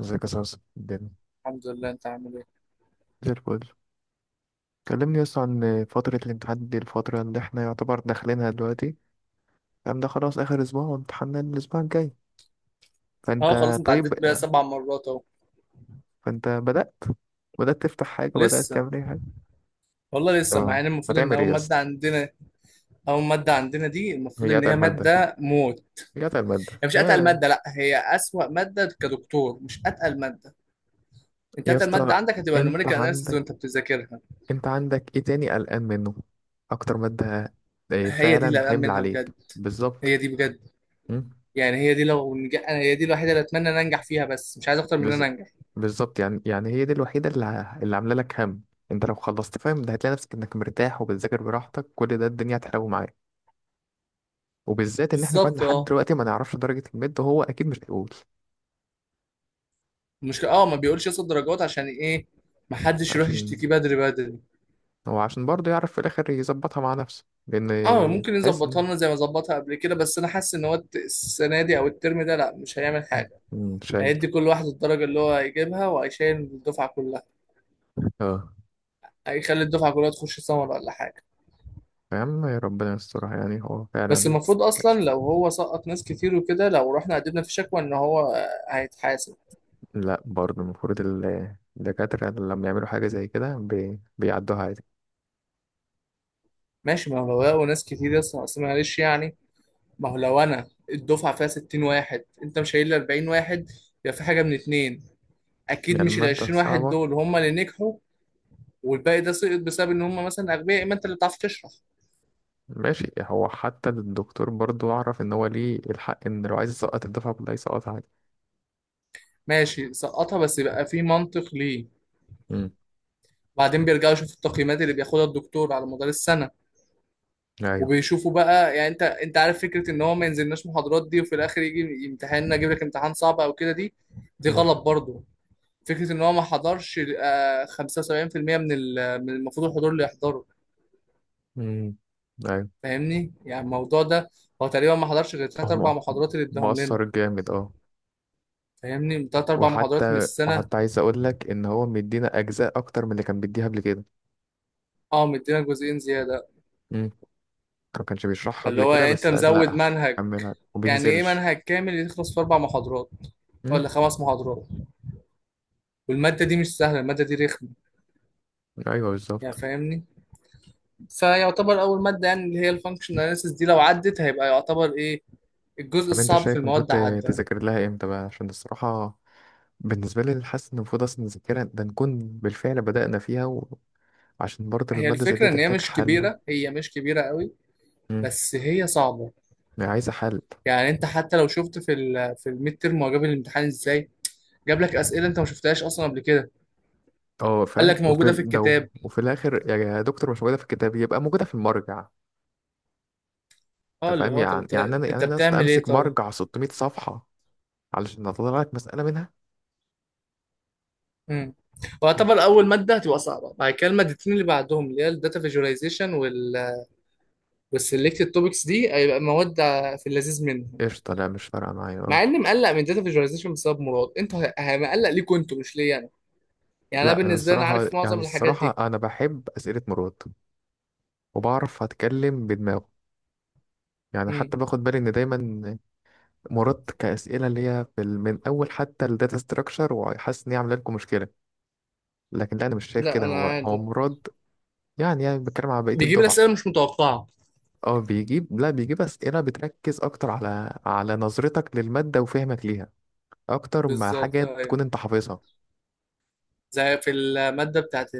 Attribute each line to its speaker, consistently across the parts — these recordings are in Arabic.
Speaker 1: ازيك يا صاصا الدنيا؟
Speaker 2: الحمد لله، انت عامل ايه؟
Speaker 1: زي الفل. كلمني يس عن فترة الامتحان دي، الفترة اللي احنا يعتبر داخلينها دلوقتي. الكلام ده خلاص آخر أسبوع وامتحاننا الأسبوع الجاي.
Speaker 2: اه،
Speaker 1: فأنت
Speaker 2: خلاص انت
Speaker 1: طيب؟
Speaker 2: عديت بيها سبع مرات اهو.
Speaker 1: فأنت بدأت تفتح حاجة، بدأت
Speaker 2: لسه.
Speaker 1: تعمل أي حاجة؟
Speaker 2: والله لسه، مع
Speaker 1: تمام.
Speaker 2: ان المفروض ان
Speaker 1: هتعمل إيه
Speaker 2: اول
Speaker 1: يا اسطى؟
Speaker 2: ماده عندنا. اول ماده عندنا دي المفروض
Speaker 1: هي
Speaker 2: ان هي
Speaker 1: أتقل مادة.
Speaker 2: ماده موت.
Speaker 1: هي أتقل مادة
Speaker 2: هي مش اتقل
Speaker 1: يا
Speaker 2: ماده، لا، هي اسوأ ماده كدكتور، مش اتقل ماده. انت
Speaker 1: يا
Speaker 2: اتقل ماده
Speaker 1: اسطى
Speaker 2: عندك هتبقى
Speaker 1: أنت
Speaker 2: النوميريكال اناليسيز
Speaker 1: عندك
Speaker 2: وانت بتذاكرها.
Speaker 1: أنت عندك إيه تاني قلقان منه؟ أكتر مادة إيه
Speaker 2: هي دي اللي
Speaker 1: فعلا
Speaker 2: قلقان
Speaker 1: حمل
Speaker 2: منها
Speaker 1: عليك
Speaker 2: بجد، هي
Speaker 1: بالظبط؟
Speaker 2: دي بجد.
Speaker 1: م?
Speaker 2: يعني هي دي انا هي دي الوحيده اللي اتمنى ان انجح فيها، بس مش عايز اكتر من ان انا
Speaker 1: بز...
Speaker 2: انجح.
Speaker 1: بالظبط. يعني هي دي الوحيدة اللي عاملة لك هم. انت لو خلصت فاهم ده هتلاقي نفسك انك مرتاح وبتذاكر براحتك، كل ده الدنيا هتحلو معاك. وبالذات ان احنا كمان
Speaker 2: بالظبط،
Speaker 1: لحد
Speaker 2: اه.
Speaker 1: دلوقتي ما نعرفش درجة الميد، وهو اكيد مش هيقول.
Speaker 2: المشكله ما بيقولش ياخد درجات عشان ايه. محدش يروح
Speaker 1: عشان
Speaker 2: يشتكي بدري بدري.
Speaker 1: هو عشان برضه يعرف في الاخر يظبطها مع نفسه،
Speaker 2: اه،
Speaker 1: لان
Speaker 2: ممكن
Speaker 1: تحس
Speaker 2: يظبطها
Speaker 1: انه
Speaker 2: لنا زي ما ظبطها قبل كده، بس انا حاسس ان هو السنه دي او الترم ده لا مش هيعمل حاجه.
Speaker 1: شايل.
Speaker 2: هيدي كل واحد الدرجه اللي هو هيجيبها وهيشيل الدفعه كلها.
Speaker 1: اه،
Speaker 2: هيخلي الدفعه كلها تخش سمر ولا حاجه.
Speaker 1: يا عم ربنا يسترها. يعني هو
Speaker 2: بس
Speaker 1: فعلا،
Speaker 2: المفروض اصلا لو هو سقط ناس كتير وكده، لو رحنا قدمنا في شكوى، ان هو هيتحاسب.
Speaker 1: لا برضه المفروض الدكاترة لما يعملوا حاجة زي كده بيعدوها عادي
Speaker 2: ماشي، ما هو لو لقوا ناس كتير يا اسطى، أصل معلش يعني. ما هو لو انا الدفعه فيها 60 واحد، انت مش شايل لي 40 واحد؟ يبقى في حاجه من اتنين.
Speaker 1: يعني
Speaker 2: اكيد مش ال
Speaker 1: المادة
Speaker 2: 20 واحد
Speaker 1: صعبة.
Speaker 2: دول هم اللي نجحوا، والباقي ده سقط بسبب ان هم مثلا اغبياء، اما انت اللي بتعرف تشرح.
Speaker 1: ماشي، هو حتى الدكتور برضو أعرف إن هو ليه الحق إن لو عايز يسقط الدفعة كلها يسقطها عادي.
Speaker 2: ماشي سقطها، بس يبقى في منطق ليه.
Speaker 1: امم.
Speaker 2: بعدين بيرجعوا يشوفوا التقييمات اللي بياخدها الدكتور على مدار السنه.
Speaker 1: ايوه.
Speaker 2: وبيشوفوا بقى، يعني انت عارف، فكره ان هو ما ينزلناش محاضرات دي وفي الاخر يجي امتحاننا يجيب لك امتحان صعب او كده، دي. دي
Speaker 1: مم.
Speaker 2: غلط برضو. فكره ان هو ما حضرش 75% من من المفروض الحضور اللي يحضره.
Speaker 1: مم. أيوة.
Speaker 2: فاهمني يعني الموضوع ده. هو تقريبا ما حضرش غير
Speaker 1: هو
Speaker 2: ثلاث اربع
Speaker 1: مؤ-
Speaker 2: محاضرات اللي اداهم
Speaker 1: مؤثر
Speaker 2: لنا.
Speaker 1: جامد، اه.
Speaker 2: فاهمني، ثلاث اربع محاضرات من
Speaker 1: وحتى
Speaker 2: السنه.
Speaker 1: عايز أقول لك إن هو مدينا أجزاء أكتر من اللي كان بيديها قبل كده.
Speaker 2: اه، مدينا جزئين زياده.
Speaker 1: امم. ما كانش بيشرحها
Speaker 2: فاللي
Speaker 1: قبل
Speaker 2: هو
Speaker 1: كده
Speaker 2: يعني انت
Speaker 1: بس قال
Speaker 2: مزود
Speaker 1: لأ
Speaker 2: منهج.
Speaker 1: هكملها
Speaker 2: يعني ايه
Speaker 1: وبينزلش.
Speaker 2: منهج كامل يخلص في اربع محاضرات؟ ولا
Speaker 1: امم.
Speaker 2: خمس محاضرات. والماده دي مش سهله، الماده دي رخمه.
Speaker 1: أيوه،
Speaker 2: يعني
Speaker 1: بالظبط.
Speaker 2: فاهمني. فيعتبر اول ماده يعني اللي هي الفانكشن اناليسيس دي، لو عدت هيبقى يعتبر ايه. الجزء
Speaker 1: طب أنت
Speaker 2: الصعب في
Speaker 1: شايف المفروض
Speaker 2: المواد عدى.
Speaker 1: تذاكر لها إمتى بقى؟ عشان الصراحة بالنسبة لي حاسس إن المفروض أصلا نذاكرها، ده نكون بالفعل بدأنا فيها، عشان برضه
Speaker 2: هي
Speaker 1: المادة زي
Speaker 2: الفكره
Speaker 1: دي
Speaker 2: ان هي
Speaker 1: تحتاج
Speaker 2: مش
Speaker 1: حل.
Speaker 2: كبيره، هي مش كبيره قوي.
Speaker 1: مم.
Speaker 2: بس هي صعبه.
Speaker 1: يعني عايزة حل.
Speaker 2: يعني انت حتى لو شفت في الميد تيرم هو جاب الامتحان ازاي. جاب لك اسئله انت ما شفتهاش اصلا قبل كده.
Speaker 1: اه،
Speaker 2: قال
Speaker 1: فاهم.
Speaker 2: لك
Speaker 1: وفي
Speaker 2: موجوده في
Speaker 1: ال- ده
Speaker 2: الكتاب.
Speaker 1: وفي الآخر يا دكتور مش موجودة في الكتاب يبقى موجودة في المرجع.
Speaker 2: اه،
Speaker 1: أنت
Speaker 2: اللي
Speaker 1: فاهم؟
Speaker 2: هو طب
Speaker 1: يعني
Speaker 2: انت
Speaker 1: يعني أنا يعني
Speaker 2: انت
Speaker 1: أنا أصلا
Speaker 2: بتعمل ايه
Speaker 1: أمسك
Speaker 2: طيب؟
Speaker 1: مرجع 600 صفحة علشان أطلع لك مسألة منها.
Speaker 2: امم.
Speaker 1: مم.
Speaker 2: واعتبر اول ماده هتبقى صعبه بعد كده، المادتين اللي بعدهم اللي هي الداتا فيجواليزيشن والسلكتد توبكس، دي هيبقى مواد في اللذيذ منهم.
Speaker 1: قشطة، لا مش فارقة معايا، اه.
Speaker 2: مع اني مقلق من داتا فيجواليزيشن بسبب مراد، انتوا مقلق ليكوا انتوا مش ليا انا. يعني انا
Speaker 1: لا أنا
Speaker 2: بالنسبه لي انا
Speaker 1: الصراحة،
Speaker 2: عارف معظم الحاجات دي.
Speaker 1: أنا بحب أسئلة مراد وبعرف أتكلم بدماغه. يعني
Speaker 2: امم.
Speaker 1: حتى باخد بالي إن دايما مراد كأسئلة اللي هي من أول حتى الداتا ستراكشر، وحاسس إن هي عاملة لكم مشكلة، لكن لا انا مش شايف
Speaker 2: لا
Speaker 1: كده.
Speaker 2: انا
Speaker 1: هو
Speaker 2: عادي.
Speaker 1: مراد. يعني بتكلم على بقيه
Speaker 2: بيجيب
Speaker 1: الدفعه.
Speaker 2: الاسئله مش متوقعه.
Speaker 1: اه، بيجيب لا بيجيب اسئله بتركز اكتر على نظرتك للماده وفهمك ليها، اكتر ما
Speaker 2: بالظبط
Speaker 1: حاجه
Speaker 2: ايوه.
Speaker 1: تكون انت حافظها.
Speaker 2: زي في الماده بتاعت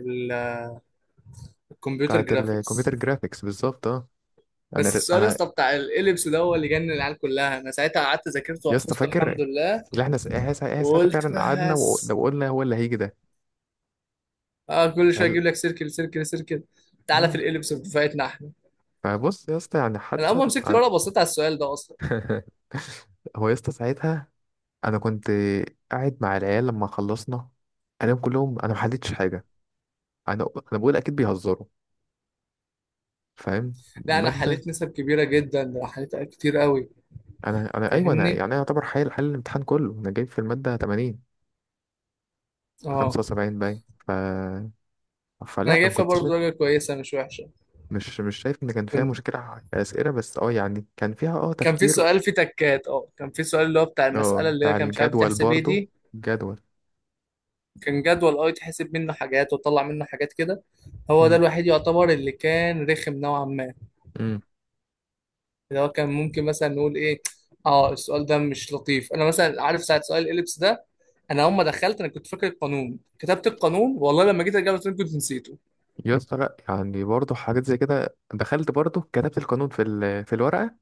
Speaker 2: الكمبيوتر
Speaker 1: بتاعت الكمبيوتر
Speaker 2: جرافيكس.
Speaker 1: جرافيكس بالظبط، اه.
Speaker 2: بس
Speaker 1: انا
Speaker 2: السؤال يا
Speaker 1: انا
Speaker 2: اسطى بتاع الاليبس ده هو اللي جنن العيال كلها، انا ساعتها قعدت ذاكرته
Speaker 1: يا اسطى
Speaker 2: وحفظته
Speaker 1: فاكر
Speaker 2: الحمد لله.
Speaker 1: اللي احنا س- إيه سا- إيه إيه، ساعتها
Speaker 2: وقلت
Speaker 1: فعلا قعدنا
Speaker 2: بس
Speaker 1: وقلنا هو اللي هيجي ده؟
Speaker 2: اه، كل شويه
Speaker 1: هل
Speaker 2: اجيب لك سيركل سيركل سيركل. تعالى في
Speaker 1: آه.
Speaker 2: الاليبس بتاعتنا احنا.
Speaker 1: فبص يا اسطى، يعني
Speaker 2: انا اول
Speaker 1: حتى
Speaker 2: ما مسكت الورقه بصيت على السؤال ده اصلا.
Speaker 1: هو يا اسطى ساعتها انا كنت قاعد مع العيال لما خلصنا، انا ما حلتش حاجه، انا انا بقول اكيد بيهزروا، فاهم
Speaker 2: لا انا
Speaker 1: ماده.
Speaker 2: حليت نسب كبيره جدا، ده أنا حليت كتير قوي.
Speaker 1: انا انا ايوه انا يعني
Speaker 2: فاهمني
Speaker 1: انا يعتبر حل الامتحان كله. انا جايب في الماده 80،
Speaker 2: اه.
Speaker 1: 75 باين. ف
Speaker 2: انا
Speaker 1: فلا
Speaker 2: جايب
Speaker 1: ما
Speaker 2: فيها
Speaker 1: كنتش
Speaker 2: برضه درجه كويسه مش وحشه.
Speaker 1: مش شايف ان كان فيها
Speaker 2: كنت
Speaker 1: مشكله اسئله، بس اه يعني كان فيها اه
Speaker 2: كان في
Speaker 1: تفكير.
Speaker 2: سؤال فيه تكات، كان في سؤال اللي هو بتاع
Speaker 1: اه،
Speaker 2: المساله اللي هي
Speaker 1: بتاع
Speaker 2: كان مش عارف
Speaker 1: الجدول
Speaker 2: بتحسب ايه
Speaker 1: برضو،
Speaker 2: دي.
Speaker 1: الجدول.
Speaker 2: كان جدول، يتحسب منه حاجات وتطلع منه حاجات كده. هو ده
Speaker 1: امم.
Speaker 2: الوحيد يعتبر اللي كان رخم نوعا ما.
Speaker 1: امم.
Speaker 2: اللي هو كان ممكن مثلا نقول ايه. اه، السؤال ده مش لطيف، انا مثلا عارف ساعه سؤال الاليبس ده. انا اول ما دخلت انا كنت فاكر القانون كتبت القانون، والله لما جيت اجاوب السؤال كنت نسيته.
Speaker 1: يا اسطى لا، يعني برضو حاجات زي كده، دخلت برضو كتبت القانون في الورقه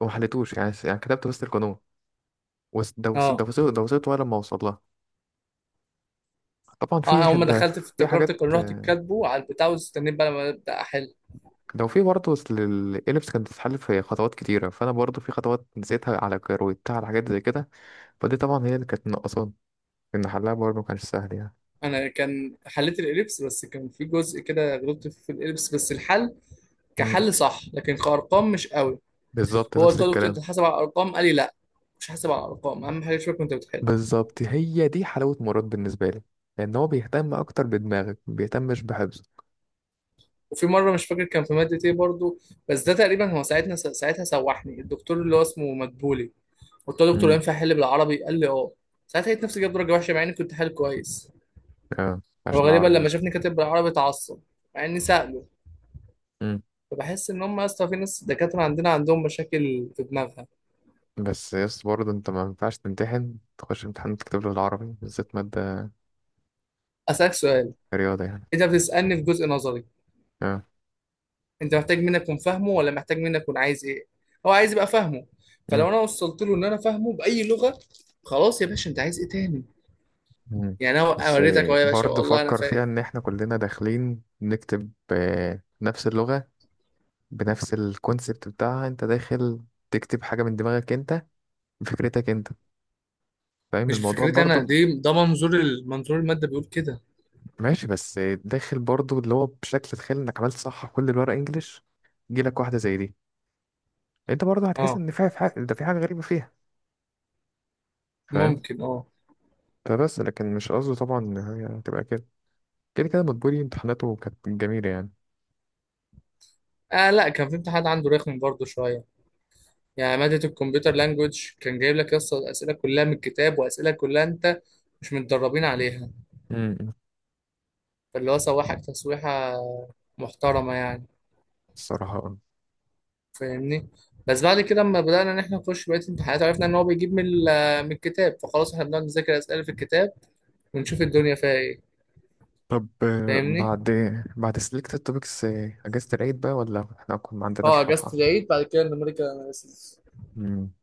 Speaker 1: وما حليتوش، يعني كتبت بس القانون، دوست
Speaker 2: اه.
Speaker 1: دوست دوست ولا ما اوصل لها. طبعا في
Speaker 2: انا اول ما
Speaker 1: حد،
Speaker 2: دخلت في
Speaker 1: في
Speaker 2: افتكرت
Speaker 1: حاجات،
Speaker 2: القانون، رحت كاتبه على البتاع واستنيت بقى لما ابدا احل.
Speaker 1: لو في برضه. أصل الإليبس كانت بتتحل في خطوات كتيرة، فأنا برضه في خطوات نسيتها على كروتها، على حاجات زي كده. فدي طبعا هي اللي كانت ناقصاني، إن حلها برضه مكانش سهل يعني.
Speaker 2: انا كان حليت الاليبس، بس كان في جزء كده غلطت فيه في الاليبس، بس الحل
Speaker 1: مم.
Speaker 2: كحل صح لكن كارقام مش قوي.
Speaker 1: بالظبط،
Speaker 2: هو
Speaker 1: نفس
Speaker 2: قلت له يا دكتور انت
Speaker 1: الكلام.
Speaker 2: حاسب على الارقام، قال لي لا، مش حاسب على الارقام، اهم حاجه شوف انت بتحل.
Speaker 1: بالظبط هي دي حلاوة مراد بالنسبة لي، لأن هو بيهتم أكتر بدماغك، مبيهتمش بحفظه.
Speaker 2: وفي مره مش فاكر كان في ماده ايه برضو، بس ده تقريبا هو ساعتها سوحني الدكتور اللي هو اسمه مدبولي. قلت له دكتور
Speaker 1: امم.
Speaker 2: ينفع احل بالعربي، قال لي اه. ساعتها لقيت نفسي جايب درجه وحشه مع اني كنت حل كويس.
Speaker 1: اه،
Speaker 2: هو
Speaker 1: عشان
Speaker 2: غالبا
Speaker 1: العربي
Speaker 2: لما
Speaker 1: بقى.
Speaker 2: شافني كاتب بالعربي اتعصب، مع اني ساله.
Speaker 1: امم.
Speaker 2: فبحس ان هم يا اسطى في ناس دكاتره عندنا عندهم مشاكل في دماغها.
Speaker 1: بس يس برضه أنت ما ينفعش تمتحن، تخش امتحان تكتب له العربي، بالذات مادة
Speaker 2: اسالك سؤال.
Speaker 1: رياضة يعني.
Speaker 2: انت بتسالني في جزء نظري.
Speaker 1: اه.
Speaker 2: انت محتاج مني اكون فاهمه ولا محتاج مني اكون عايز ايه؟ هو عايز يبقى فاهمه.
Speaker 1: مم.
Speaker 2: فلو انا وصلت له ان انا فاهمه باي لغه، خلاص يا باشا، انت عايز ايه تاني؟
Speaker 1: مم.
Speaker 2: يعني انا
Speaker 1: بس
Speaker 2: وريتك اهو يا باشا،
Speaker 1: برضه
Speaker 2: والله انا
Speaker 1: فكر فيها ان
Speaker 2: فاهم.
Speaker 1: احنا كلنا داخلين نكتب نفس اللغة بنفس الكونسبت بتاعها. انت داخل تكتب حاجة من دماغك انت، بفكرتك انت. فاهم
Speaker 2: مش
Speaker 1: الموضوع
Speaker 2: بفكرتي انا
Speaker 1: برضه؟
Speaker 2: دي، ده منظور منظور الماده بيقول كده.
Speaker 1: ماشي بس داخل برضه اللي هو بشكل، تخيل انك عملت صح كل الورق انجليش، جيلك واحدة زي دي، انت برضه هتحس
Speaker 2: اه،
Speaker 1: ان في حاجة، في حاجة غريبة فيها، فاهم؟
Speaker 2: ممكن اه.
Speaker 1: فبس لكن مش قصده طبعا ان هي هتبقى كده. كده كده مدبولي امتحاناته كانت جميلة يعني.
Speaker 2: اه، لا كان في امتحان عنده رخم برضه شويه. يعني ماده الكمبيوتر لانجوج كان جايب لك يس الاسئله كلها من الكتاب، واسئله كلها انت مش متدربين عليها.
Speaker 1: امم.
Speaker 2: فاللي هو سوحك تسويحه محترمه يعني.
Speaker 1: الصراحة آه.
Speaker 2: فاهمني. بس بعد كده لما بدانا ان احنا نخش بقيه الامتحانات، عرفنا ان هو بيجيب من من الكتاب، فخلاص احنا بنقعد نذاكر الاسئله في الكتاب ونشوف الدنيا فيها ايه.
Speaker 1: طب
Speaker 2: فاهمني.
Speaker 1: بعد، سلكت توبكس، اجازه العيد بقى ولا احنا اكون ما
Speaker 2: اه،
Speaker 1: عندناش راحه؟
Speaker 2: اجازة العيد بعد كده النمريكا أناليسيس.
Speaker 1: مم.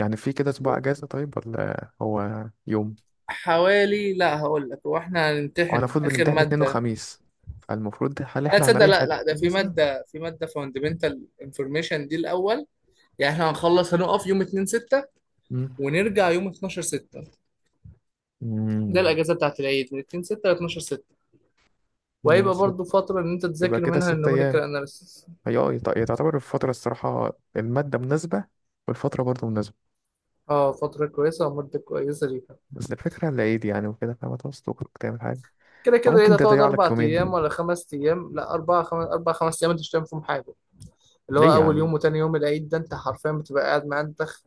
Speaker 1: يعني في كده اسبوع اجازه طيب ولا هو يوم؟
Speaker 2: لا هقول لك، هو احنا
Speaker 1: هو انا
Speaker 2: هنمتحن
Speaker 1: المفروض
Speaker 2: اخر
Speaker 1: بنمتحن اتنين
Speaker 2: ماده.
Speaker 1: وخميس، فالمفروض هل
Speaker 2: لا،
Speaker 1: احنا
Speaker 2: تصدق،
Speaker 1: هنريح
Speaker 2: لا
Speaker 1: قد
Speaker 2: لا، ده
Speaker 1: ايه
Speaker 2: في
Speaker 1: مثلا؟
Speaker 2: ماده في ماده فاندمنتال انفورميشن دي الاول. يعني احنا هنخلص هنقف يوم 2 6،
Speaker 1: مم.
Speaker 2: ونرجع يوم 12 6. ده
Speaker 1: مم.
Speaker 2: الاجازه بتاعت العيد من 2 6 ل 12 6.
Speaker 1: اتنين،
Speaker 2: وهيبقى
Speaker 1: ست.
Speaker 2: برضو فتره ان انت
Speaker 1: يبقى
Speaker 2: تذاكر
Speaker 1: كده
Speaker 2: منها
Speaker 1: ست
Speaker 2: النوميريكال
Speaker 1: ايام.
Speaker 2: اناليسيس.
Speaker 1: هي تعتبر الفتره، الصراحه الماده مناسبه والفتره برضه مناسبه.
Speaker 2: اه، فتره كويسه ومده كويسه ليها.
Speaker 1: بس الفكره العيد يعني وكده، فما توصل تعمل حاجه،
Speaker 2: كده كده العيد
Speaker 1: فممكن
Speaker 2: هتقعد
Speaker 1: تضيع لك
Speaker 2: اربع ايام
Speaker 1: يومين.
Speaker 2: ولا خمس ايام، لا اربع خمس، اربع خمس ايام انت مش هتعمل فيهم حاجه. اللي هو
Speaker 1: ليه يا
Speaker 2: اول
Speaker 1: عم؟
Speaker 2: يوم وتاني يوم العيد ده انت حرفيا بتبقى قاعد معندخ،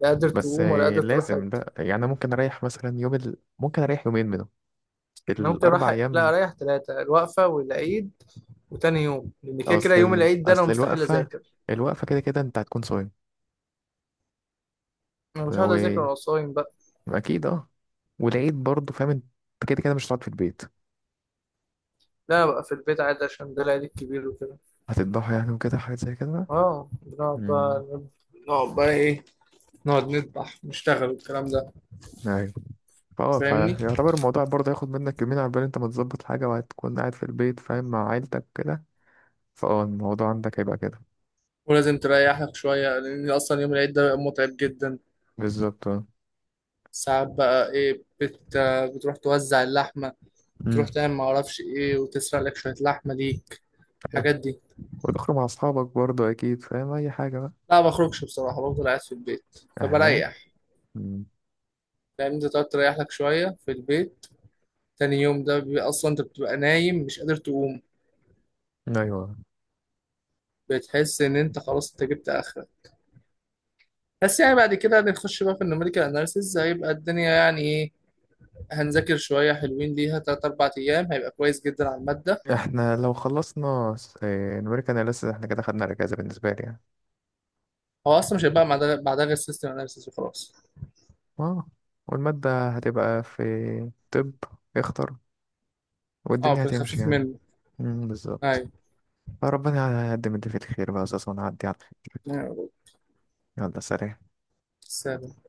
Speaker 2: لا قادر
Speaker 1: بس
Speaker 2: تقوم ولا قادر تروح
Speaker 1: لازم
Speaker 2: حته.
Speaker 1: بقى. يعني انا ممكن اريح مثلا ممكن اريح يومين منهم
Speaker 2: انا ممكن
Speaker 1: الاربع
Speaker 2: راح لا
Speaker 1: ايام.
Speaker 2: اريح ثلاثه، الوقفه والعيد وتاني يوم، لان كده كده يوم العيد ده انا
Speaker 1: اصل
Speaker 2: مستحيل
Speaker 1: الوقفه،
Speaker 2: اذاكر.
Speaker 1: الوقفه كده كده انت هتكون صايم.
Speaker 2: انا مش هقعد
Speaker 1: و...
Speaker 2: اذاكر وانا صايم بقى.
Speaker 1: اكيد اه. والعيد برضه فاهم انت، كده كده مش هتقعد في البيت.
Speaker 2: لا، أنا بقى في البيت عادي عشان ده العيد الكبير وكده.
Speaker 1: هتذبحه يعني وكده، حاجات زي كده بقى.
Speaker 2: اه، بنقعد
Speaker 1: امم.
Speaker 2: بقى. نقعد بقى ايه؟ نقعد نذبح نشتغل والكلام ده.
Speaker 1: ايوه. فهو
Speaker 2: فاهمني.
Speaker 1: فيعتبر الموضوع برضه هياخد منك يومين عقبال انت ما تظبط حاجه، وهتكون قاعد في البيت فاهم مع عيلتك كده. فاه الموضوع عندك هيبقى كده.
Speaker 2: ولازم تريح لك شويه لان اصلا يوم العيد ده بيبقى متعب جدا.
Speaker 1: بالظبط اه.
Speaker 2: ساعات بقى ايه بتروح توزع اللحمه، تروح
Speaker 1: امم.
Speaker 2: تعمل ما اعرفش ايه، وتسرق لك شويه لحمه ليك، الحاجات دي.
Speaker 1: وتخرج مع اصحابك برضه اكيد فاهم اي حاجه بقى.
Speaker 2: لا ما بخرجش بصراحه، بفضل قاعد في البيت
Speaker 1: اها.
Speaker 2: فبريح.
Speaker 1: مم.
Speaker 2: لان انت تقعد تريح لك شويه في البيت. تاني يوم ده بيبقى اصلا انت بتبقى نايم مش قادر تقوم.
Speaker 1: ايوه.
Speaker 2: بتحس ان انت خلاص انت جبت اخرك. بس يعني بعد كده هنخش بقى في النوميريكال اناليسيز، هيبقى الدنيا يعني ايه. هنذاكر شويه حلوين ليها تلات اربع ايام، هيبقى كويس جدا على الماده.
Speaker 1: احنا لو خلصنا نوريك انا لسه، احنا كده خدنا الاجازه بالنسبه لي يعني.
Speaker 2: هو اصلا مش هيبقى بعدها غير سيستم اناليسيز وخلاص.
Speaker 1: اه. والماده هتبقى في، طب، اختر،
Speaker 2: اه،
Speaker 1: والدنيا
Speaker 2: في
Speaker 1: هتمشي
Speaker 2: الخفيف
Speaker 1: يعني.
Speaker 2: منه.
Speaker 1: بالظبط.
Speaker 2: ايوه
Speaker 1: فربنا يقدم اللي فيه الخير بقى يا استاذ ونعدي على الخير.
Speaker 2: يا رب.
Speaker 1: يلا سلام.
Speaker 2: سلام.